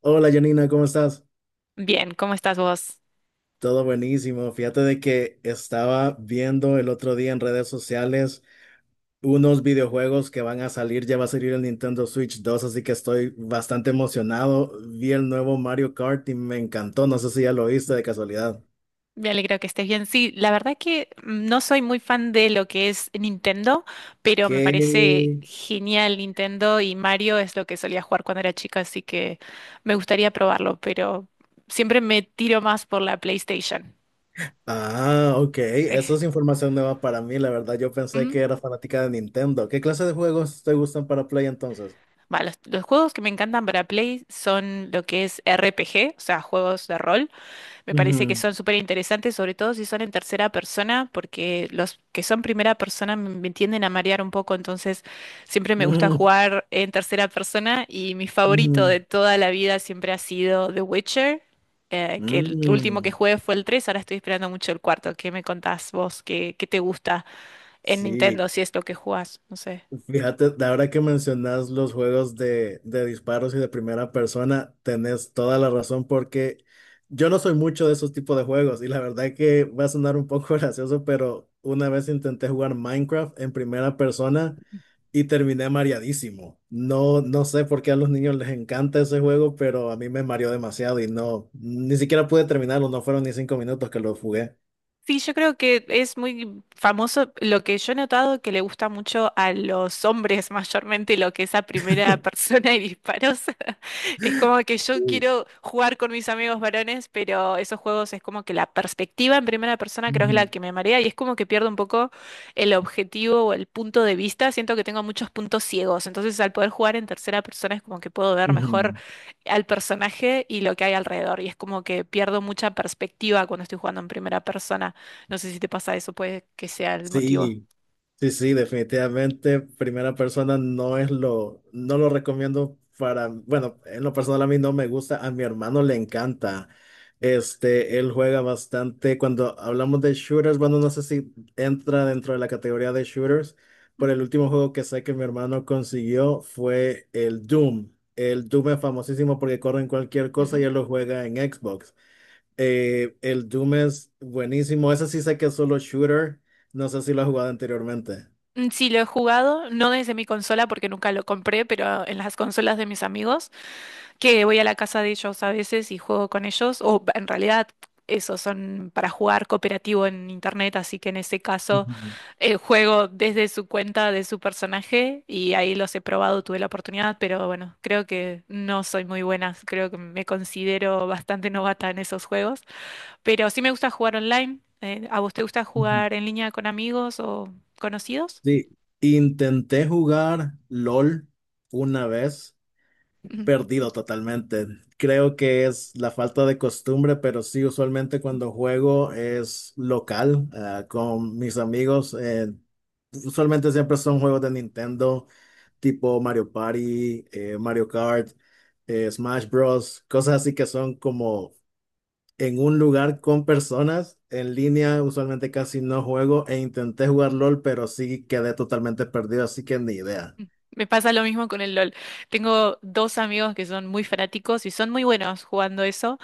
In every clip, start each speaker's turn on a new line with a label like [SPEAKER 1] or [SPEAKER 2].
[SPEAKER 1] Hola Janina, ¿cómo estás?
[SPEAKER 2] Bien, ¿cómo estás vos?
[SPEAKER 1] Todo buenísimo. Fíjate de que estaba viendo el otro día en redes sociales unos videojuegos que van a salir, ya va a salir el Nintendo Switch 2, así que estoy bastante emocionado. Vi el nuevo Mario Kart y me encantó, no sé si ya lo viste de casualidad.
[SPEAKER 2] Me alegro que estés bien. Sí, la verdad que no soy muy fan de lo que es Nintendo, pero me
[SPEAKER 1] ¿Qué?
[SPEAKER 2] parece genial Nintendo y Mario es lo que solía jugar cuando era chica, así que me gustaría probarlo, pero siempre me tiro más por la PlayStation.
[SPEAKER 1] Ah, ok, eso
[SPEAKER 2] Eh,
[SPEAKER 1] es información nueva para mí, la verdad yo pensé
[SPEAKER 2] Ujú.
[SPEAKER 1] que era fanática de Nintendo. ¿Qué clase de juegos te gustan para Play entonces?
[SPEAKER 2] Va, los juegos que me encantan para Play son lo que es RPG, o sea, juegos de rol. Me parece que son súper interesantes, sobre todo si son en tercera persona, porque los que son primera persona me tienden a marear un poco, entonces siempre me
[SPEAKER 1] Ujú,
[SPEAKER 2] gusta
[SPEAKER 1] ujú,
[SPEAKER 2] jugar en tercera persona y mi favorito de toda la vida siempre ha sido The Witcher, que
[SPEAKER 1] ujú,
[SPEAKER 2] el último que
[SPEAKER 1] mm,
[SPEAKER 2] jugué fue el tres. Ahora estoy esperando mucho el cuarto. ¿Qué me contás vos? ¿Qué te gusta en
[SPEAKER 1] sí.
[SPEAKER 2] Nintendo si es lo que jugás? No sé.
[SPEAKER 1] Fíjate, de ahora que mencionas los juegos de disparos y de primera persona, tenés toda la razón porque yo no soy mucho de esos tipos de juegos y la verdad que va a sonar un poco gracioso, pero una vez intenté jugar Minecraft en primera persona y terminé mareadísimo. No, no sé por qué a los niños les encanta ese juego, pero a mí me mareó demasiado y no, ni siquiera pude terminarlo, no fueron ni 5 minutos que lo jugué.
[SPEAKER 2] Sí, yo creo que es muy famoso lo que yo he notado que le gusta mucho a los hombres mayormente lo que es a primera persona y disparos. Es como que yo
[SPEAKER 1] Sí.
[SPEAKER 2] quiero jugar con mis amigos varones, pero esos juegos es como que la perspectiva en primera persona creo que es la
[SPEAKER 1] Ujú,
[SPEAKER 2] que me marea y es como que pierdo un poco el objetivo o el punto de vista. Siento que tengo muchos puntos ciegos, entonces al poder jugar en tercera persona es como que puedo ver mejor
[SPEAKER 1] ujú.
[SPEAKER 2] al personaje y lo que hay alrededor y es como que pierdo mucha perspectiva cuando estoy jugando en primera persona. No sé si te pasa eso, puede que sea el motivo.
[SPEAKER 1] Sí. Sí, sí, definitivamente primera persona no lo recomiendo para, bueno, en lo personal a mí no me gusta, a mi hermano le encanta. Este, él juega bastante. Cuando hablamos de shooters, bueno, no sé si entra dentro de la categoría de shooters, pero
[SPEAKER 2] Ujú.
[SPEAKER 1] el último juego que sé que mi hermano consiguió fue el Doom. El Doom es famosísimo porque corre en cualquier cosa y
[SPEAKER 2] Ujú.
[SPEAKER 1] él lo juega en Xbox. El Doom es buenísimo. Ese sí sé que es solo shooter. No sé si lo has jugado anteriormente.
[SPEAKER 2] Sí, lo he jugado, no desde mi consola porque nunca lo compré, pero en las consolas de mis amigos, que voy a la casa de ellos a veces y juego con ellos, o en realidad esos son para jugar cooperativo en internet, así que en ese caso
[SPEAKER 1] Ujú,
[SPEAKER 2] juego desde su cuenta de su personaje y ahí los he probado, tuve la oportunidad, pero bueno, creo que no soy muy buena, creo que me considero bastante novata en esos juegos. Pero sí me gusta jugar online. ¿A vos te gusta
[SPEAKER 1] ujú.
[SPEAKER 2] jugar en línea con amigos o conocidos?
[SPEAKER 1] Sí, intenté jugar LOL una vez,
[SPEAKER 2] Ujú.
[SPEAKER 1] perdido totalmente. Creo que es la falta de costumbre, pero sí, usualmente cuando juego es local, ah, con mis amigos. Usualmente siempre son juegos de Nintendo, tipo Mario Party, Mario Kart, Smash Bros., cosas así que son como en un lugar con personas. En línea usualmente casi no juego e intenté jugar LOL, pero sí quedé totalmente perdido, así que ni idea.
[SPEAKER 2] Me pasa lo mismo con el LOL. Tengo dos amigos que son muy fanáticos y son muy buenos jugando eso,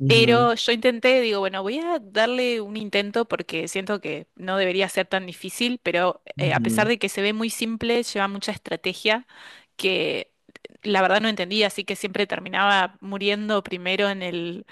[SPEAKER 1] Ujú,
[SPEAKER 2] pero yo intenté, digo, bueno, voy a darle un intento porque siento que no debería ser tan difícil, pero a pesar
[SPEAKER 1] ujú,
[SPEAKER 2] de que se ve muy simple, lleva mucha estrategia que la verdad no entendía, así que siempre terminaba muriendo primero en el,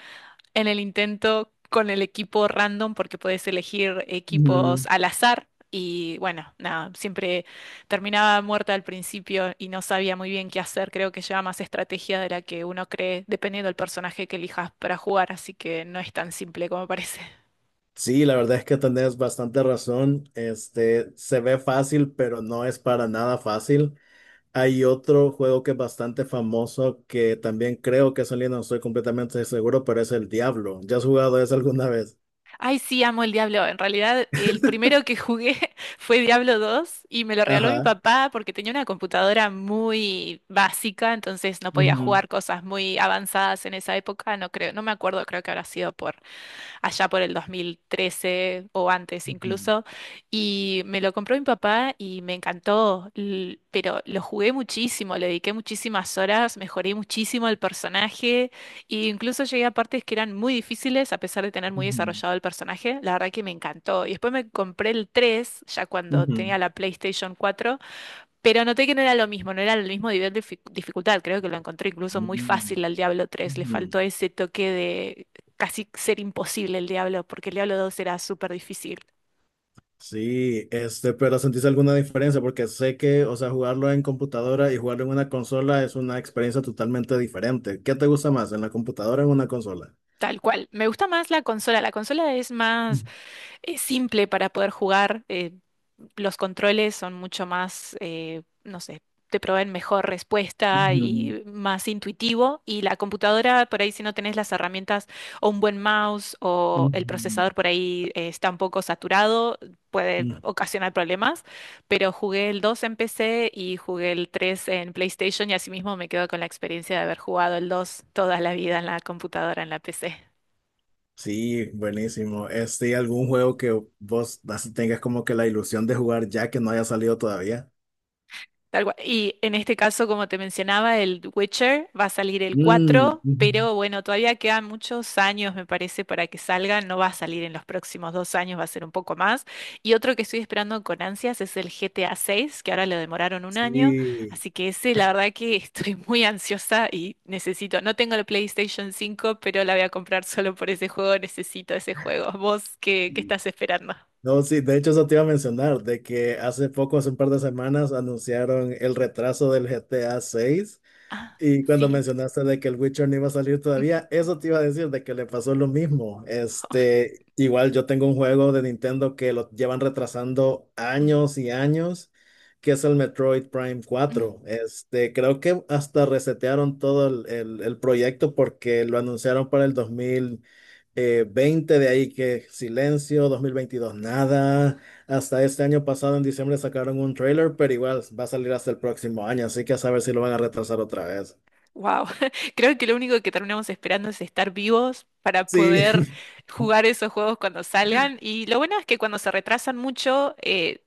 [SPEAKER 2] en el intento con el equipo random porque podés elegir equipos
[SPEAKER 1] ujú.
[SPEAKER 2] al azar y bueno, nada, siempre terminaba muerta al principio y no sabía muy bien qué hacer. Creo que lleva más estrategia de la que uno cree, dependiendo del personaje que elijas para jugar, así que no es tan simple como parece.
[SPEAKER 1] Sí, la verdad es que tenés bastante razón. Este, se ve fácil, pero no es para nada fácil. Hay otro juego que es bastante famoso que también creo que es en línea, no estoy completamente seguro, pero es el Diablo. ¿Ya has jugado eso alguna vez?
[SPEAKER 2] Ay, sí, amo el Diablo. En realidad, el primero que jugué fue Diablo 2 y me lo regaló mi
[SPEAKER 1] Ajá.
[SPEAKER 2] papá porque tenía una computadora muy básica, entonces no podía
[SPEAKER 1] Ujú,
[SPEAKER 2] jugar cosas muy avanzadas en esa época. No creo, no me acuerdo, creo que habrá sido por allá por el 2013 o antes
[SPEAKER 1] ujú,
[SPEAKER 2] incluso, y me lo compró mi papá y me encantó, pero lo jugué muchísimo, le dediqué muchísimas horas, mejoré muchísimo el personaje, e incluso llegué a partes que eran muy difíciles a pesar de tener muy
[SPEAKER 1] ujú,
[SPEAKER 2] desarrollado el personaje, la verdad que me encantó. Y después me compré el 3 ya cuando tenía
[SPEAKER 1] ujú,
[SPEAKER 2] la PlayStation 4. Pero noté que no era lo mismo, no era el mismo nivel de dificultad. Creo que lo encontré incluso muy
[SPEAKER 1] ujú,
[SPEAKER 2] fácil al Diablo 3. Le
[SPEAKER 1] ujú.
[SPEAKER 2] faltó ese toque de casi ser imposible el Diablo, porque el Diablo 2 era súper difícil.
[SPEAKER 1] Sí, este, pero ¿sentís alguna diferencia? Porque sé que, o sea, jugarlo en computadora y jugarlo en una consola es una experiencia totalmente diferente. ¿Qué te gusta más, en la computadora o en una consola?
[SPEAKER 2] Tal cual. Me gusta más la consola. La consola es más. Es simple para poder jugar. Los controles son mucho más, no sé, te proveen mejor respuesta
[SPEAKER 1] Ujú,
[SPEAKER 2] y más intuitivo. Y la computadora, por ahí si no tenés las herramientas o un buen mouse o
[SPEAKER 1] ujú.
[SPEAKER 2] el procesador por ahí está un poco saturado, puede
[SPEAKER 1] Mm.
[SPEAKER 2] ocasionar problemas. Pero jugué el 2 en PC y jugué el 3 en PlayStation y asimismo me quedo con la experiencia de haber jugado el 2 toda la vida en la computadora, en la PC.
[SPEAKER 1] Sí, buenísimo. Este, ¿algún juego que vos así tengas como que la ilusión de jugar ya que no haya salido todavía?
[SPEAKER 2] Tal cual. Y en este caso, como te mencionaba, el Witcher va a salir el
[SPEAKER 1] Mm,
[SPEAKER 2] cuatro,
[SPEAKER 1] ujú.
[SPEAKER 2] pero bueno, todavía quedan muchos años, me parece, para que salga. No va a salir en los próximos 2 años, va a ser un poco más. Y otro que estoy esperando con ansias es el GTA 6, que ahora lo demoraron un año.
[SPEAKER 1] Sí.
[SPEAKER 2] Así que ese, la verdad que estoy muy ansiosa y necesito. No tengo la PlayStation cinco, pero la voy a comprar solo por ese juego. Necesito ese juego. ¿Vos qué, qué
[SPEAKER 1] Sí.
[SPEAKER 2] estás esperando?
[SPEAKER 1] No, sí, de hecho eso te iba a mencionar, de que hace poco, hace un par de semanas, anunciaron el retraso del GTA 6.
[SPEAKER 2] Ah,
[SPEAKER 1] Y cuando
[SPEAKER 2] sí.
[SPEAKER 1] mencionaste de que el Witcher no iba a salir todavía, eso te iba a decir de que le pasó lo mismo. Este, igual yo tengo un juego de Nintendo que lo llevan retrasando años y años, que es el Metroid Prime 4. Este, creo que hasta resetearon todo el proyecto porque lo anunciaron para el dos mil veinte, de ahí que silencio, 2022 nada. Hasta este año pasado, en diciembre, sacaron un trailer, pero igual va a salir hasta el próximo año, así que a saber si lo van a retrasar otra vez.
[SPEAKER 2] Wow, creo que lo único que terminamos esperando es estar vivos para
[SPEAKER 1] Sí.
[SPEAKER 2] poder jugar esos juegos cuando salgan. Y lo bueno es que cuando se retrasan mucho,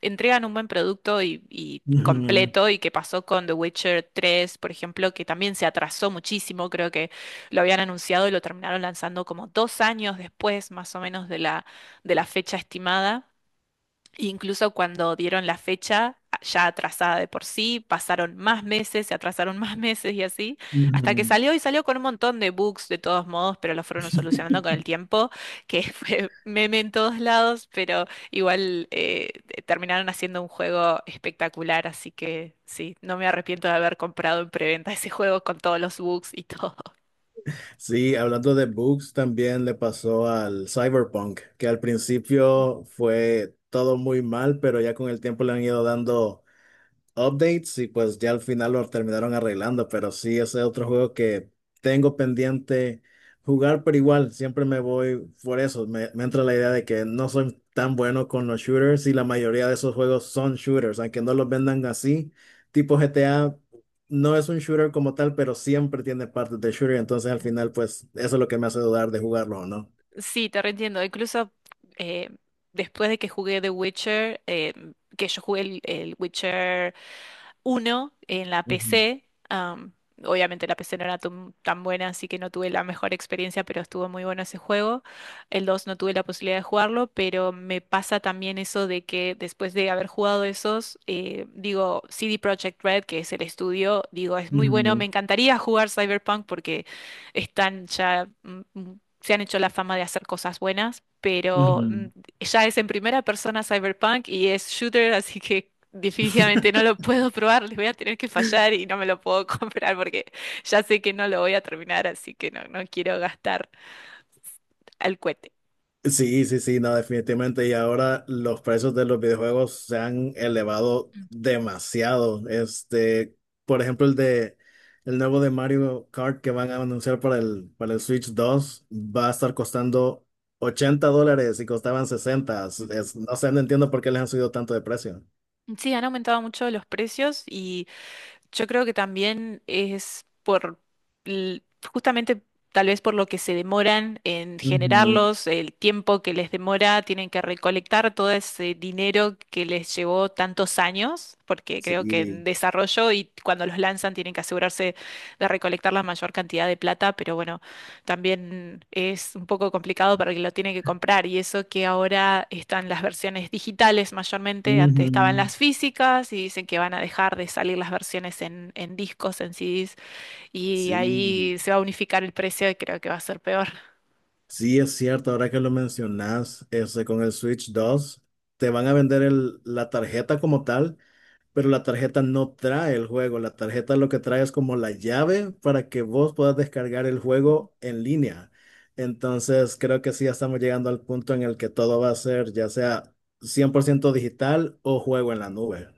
[SPEAKER 2] entregan un buen producto y
[SPEAKER 1] Ujú,
[SPEAKER 2] completo. Y que pasó con The Witcher 3, por ejemplo, que también se atrasó muchísimo. Creo que lo habían anunciado y lo terminaron lanzando como 2 años después, más o menos, de la fecha estimada. Incluso cuando dieron la fecha ya atrasada de por sí, pasaron más meses, se atrasaron más meses y así, hasta que
[SPEAKER 1] ujú.
[SPEAKER 2] salió y salió con un montón de bugs de todos modos, pero lo fueron solucionando con el tiempo, que fue meme en todos lados, pero igual terminaron haciendo un juego espectacular, así que sí, no me arrepiento de haber comprado en preventa ese juego con todos los bugs y todo.
[SPEAKER 1] Sí, hablando de bugs, también le pasó al Cyberpunk, que al principio fue todo muy mal, pero ya con el tiempo le han ido dando updates y pues ya al final lo terminaron arreglando, pero sí, ese es otro juego que tengo pendiente jugar, pero igual siempre me voy por eso, me entra la idea de que no soy tan bueno con los shooters y la mayoría de esos juegos son shooters, aunque no los vendan así, tipo GTA. No es un shooter como tal, pero siempre tiene partes de shooter, entonces al final pues eso es lo que me hace dudar de jugarlo o no.
[SPEAKER 2] Sí, te reentiendo. Incluso eh, después de que jugué The Witcher, que yo jugué el Witcher uno en la
[SPEAKER 1] Ujú,
[SPEAKER 2] PC. Obviamente la PC no era tan tan buena, así que no tuve la mejor experiencia, pero estuvo muy bueno ese juego. El 2 no tuve la posibilidad de jugarlo, pero me pasa también eso de que después de haber jugado esos, digo, CD Projekt Red, que es el estudio, digo, es muy bueno, me
[SPEAKER 1] ujú,
[SPEAKER 2] encantaría jugar Cyberpunk porque están ya... Se han hecho la fama de hacer cosas buenas, pero
[SPEAKER 1] ujú.
[SPEAKER 2] ya es en primera persona Cyberpunk y es shooter, así que definitivamente no lo puedo probar, les voy a tener que fallar y no me lo puedo comprar porque ya sé que no lo voy a terminar, así que no, no quiero gastar al cohete.
[SPEAKER 1] Sí, sí, sí, no, definitivamente. Y ahora los precios de los videojuegos se han elevado
[SPEAKER 2] Mm.
[SPEAKER 1] demasiado. Este, por ejemplo, el nuevo de Mario Kart que van a anunciar para el Switch 2, va a estar costando $80 y costaban 60. No sé, no entiendo por qué les han subido tanto de precio.
[SPEAKER 2] Sí, han aumentado mucho los precios y yo creo que también es por, l- justamente tal vez por lo que se demoran en
[SPEAKER 1] Ujú,
[SPEAKER 2] generarlos, el tiempo que les demora, tienen que recolectar todo ese dinero que les llevó tantos años, porque creo que en
[SPEAKER 1] sí.
[SPEAKER 2] desarrollo y cuando los lanzan tienen que asegurarse de recolectar la mayor cantidad de plata, pero bueno también es un poco complicado para el que lo tiene que comprar y eso que ahora están las versiones digitales mayormente, antes
[SPEAKER 1] Ujú,
[SPEAKER 2] estaban las físicas y dicen que van a dejar de salir las versiones en discos, en CDs y
[SPEAKER 1] sí.
[SPEAKER 2] ahí se va a unificar el precio y creo que va a ser peor.
[SPEAKER 1] Sí, es cierto, ahora que lo mencionas, ese con el Switch 2 te van a vender la tarjeta como tal, pero la tarjeta no trae el juego, la tarjeta lo que trae es como la llave para que vos puedas descargar el juego en línea. Entonces, creo que sí, ya estamos llegando al punto en el que todo va a ser ya sea 100% digital o juego en la nube.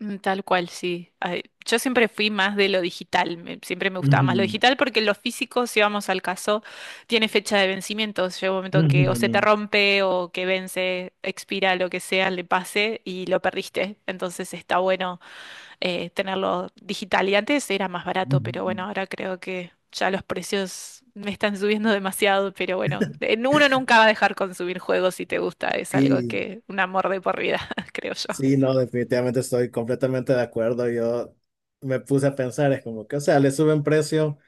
[SPEAKER 2] Mm, tal cual, sí. Ay, yo siempre fui más de lo digital, siempre me gustaba más lo
[SPEAKER 1] Ujú,
[SPEAKER 2] digital porque lo físico, si vamos al caso, tiene fecha de vencimiento. Llega un momento que o se te
[SPEAKER 1] ujú,
[SPEAKER 2] rompe o que vence, expira, lo que sea, le pase y lo perdiste. Entonces está bueno tenerlo digital. Y antes era más barato, pero bueno,
[SPEAKER 1] ujú.
[SPEAKER 2] ahora creo que ya los precios me están subiendo demasiado, pero bueno, uno nunca va a dejar consumir juegos si te gusta, es algo
[SPEAKER 1] Y
[SPEAKER 2] que un amor de por vida, creo yo.
[SPEAKER 1] sí, no, definitivamente estoy completamente de acuerdo. Yo me puse a pensar, es como que, o sea, le suben precio,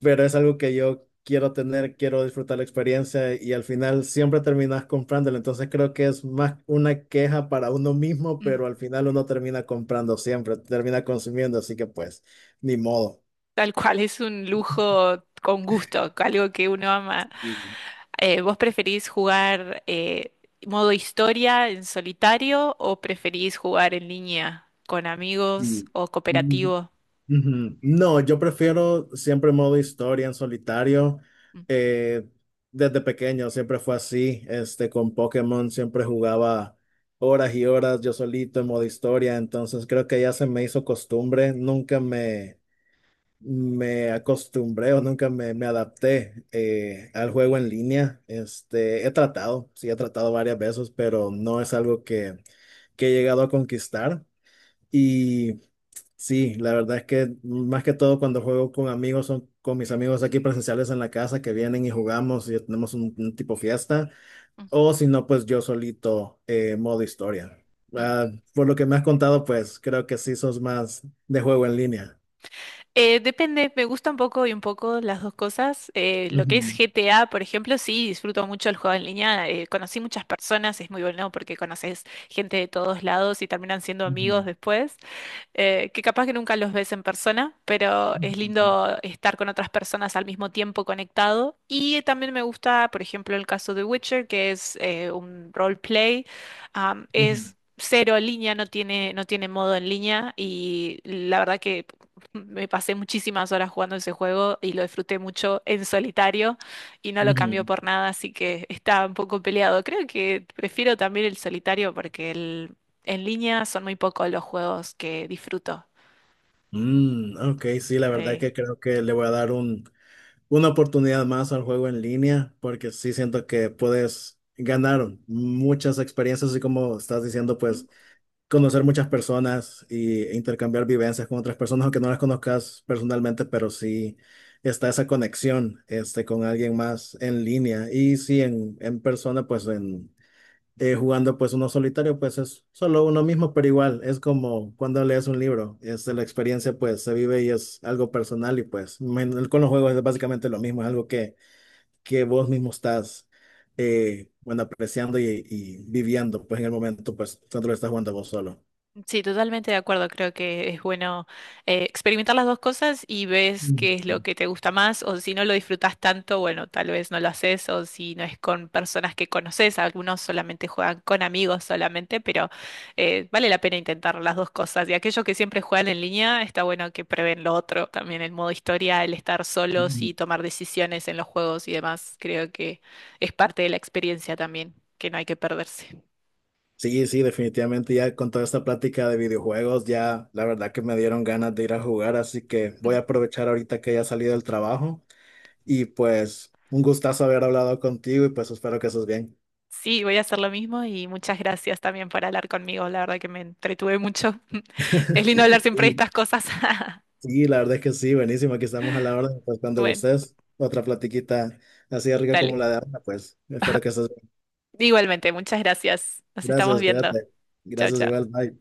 [SPEAKER 1] pero es algo que yo quiero tener, quiero disfrutar la experiencia y al final siempre terminas comprándolo. Entonces creo que es más una queja para uno mismo,
[SPEAKER 2] Mm.
[SPEAKER 1] pero al final uno termina comprando siempre, termina consumiendo, así que pues, ni modo.
[SPEAKER 2] Tal cual, es un lujo con gusto, algo que uno ama.
[SPEAKER 1] Sí,
[SPEAKER 2] ¿Vos preferís jugar modo historia en solitario o preferís jugar en línea con amigos
[SPEAKER 1] sí.
[SPEAKER 2] o cooperativo?
[SPEAKER 1] Ujú. No, yo prefiero siempre modo historia en solitario.
[SPEAKER 2] Mm,
[SPEAKER 1] Eh, Desde pequeño siempre fue así. Este, con Pokémon siempre jugaba horas y horas yo solito en modo historia. Entonces creo que ya se me hizo costumbre. Nunca me acostumbré o nunca me adapté al juego en línea. Este, he tratado, sí, he tratado varias veces, pero no es algo que he llegado a conquistar. Sí, la verdad es que más que todo cuando juego con amigos, son con mis amigos aquí presenciales en la casa que vienen y jugamos y tenemos un tipo fiesta,
[SPEAKER 2] mm,
[SPEAKER 1] o si no, pues yo solito, modo historia.
[SPEAKER 2] mm.
[SPEAKER 1] Ah, por lo que me has contado, pues creo que sí sos más de juego en línea.
[SPEAKER 2] Depende, me gusta un poco y un poco las dos cosas. Lo que es
[SPEAKER 1] Ujú,
[SPEAKER 2] GTA, por ejemplo, sí, disfruto mucho el juego en línea. Conocí muchas personas, es muy bueno porque conoces gente de todos lados y terminan siendo amigos
[SPEAKER 1] ujú,
[SPEAKER 2] después. Que capaz que nunca los ves en persona, pero es
[SPEAKER 1] ujú,
[SPEAKER 2] lindo estar con otras personas al mismo tiempo conectado. Y también me gusta, por ejemplo, el caso de Witcher, que es un roleplay,
[SPEAKER 1] ujú,
[SPEAKER 2] es cero en línea, no tiene modo en línea y la verdad que... Me pasé muchísimas horas jugando ese juego y lo disfruté mucho en solitario y no lo cambió
[SPEAKER 1] ujú.
[SPEAKER 2] por nada, así que está un poco peleado. Creo que prefiero también el solitario porque el en línea son muy pocos los juegos que disfruto.
[SPEAKER 1] Mm, ok, sí, la verdad es
[SPEAKER 2] eh,
[SPEAKER 1] que creo que le voy a dar una oportunidad más al juego en línea, porque sí siento que puedes ganar muchas experiencias, así como estás diciendo,
[SPEAKER 2] mm,
[SPEAKER 1] pues conocer muchas personas e intercambiar vivencias con otras personas, aunque no las conozcas personalmente, pero sí está esa conexión este, con alguien más en línea. Y sí, en persona, pues en jugando pues uno solitario, pues es solo uno mismo, pero igual es como cuando lees un libro, es la experiencia pues se vive y es algo personal y pues con los juegos es básicamente lo mismo, es algo que vos mismo estás bueno, apreciando y viviendo pues en el momento pues cuando lo estás jugando vos solo.
[SPEAKER 2] Sí, totalmente de acuerdo. Creo que es bueno experimentar las dos cosas y ves
[SPEAKER 1] Mm,
[SPEAKER 2] qué es lo que te gusta más o si no lo disfrutas tanto, bueno, tal vez no lo haces o si no es con personas que conoces, algunos solamente juegan con amigos solamente, pero vale la pena intentar las dos cosas. Y aquellos que siempre juegan en línea, está bueno que prueben lo otro, también el modo historia, el estar solos
[SPEAKER 1] mm.
[SPEAKER 2] y tomar decisiones en los juegos y demás. Creo que es parte de la experiencia también, que no hay que perderse.
[SPEAKER 1] Sí, sí, definitivamente ya con toda esta plática de videojuegos ya la verdad que me dieron ganas de ir a jugar, así que voy a aprovechar ahorita que ya salí del trabajo. Y pues un gustazo haber hablado contigo y pues espero que estés bien.
[SPEAKER 2] Sí, voy a hacer lo mismo y muchas gracias también por hablar conmigo. La verdad que me entretuve mucho. Es lindo hablar siempre de
[SPEAKER 1] Sí,
[SPEAKER 2] estas cosas.
[SPEAKER 1] sí, la verdad es que sí, buenísimo. Aquí estamos a la orden, pues cuando
[SPEAKER 2] Bueno,
[SPEAKER 1] gustes. Otra platiquita así de rica como
[SPEAKER 2] dale.
[SPEAKER 1] la de Ana, pues espero que estés bien.
[SPEAKER 2] Igualmente, muchas gracias. Nos estamos
[SPEAKER 1] Gracias,
[SPEAKER 2] viendo.
[SPEAKER 1] cuídate.
[SPEAKER 2] Chao,
[SPEAKER 1] Gracias igual,
[SPEAKER 2] chao.
[SPEAKER 1] bye.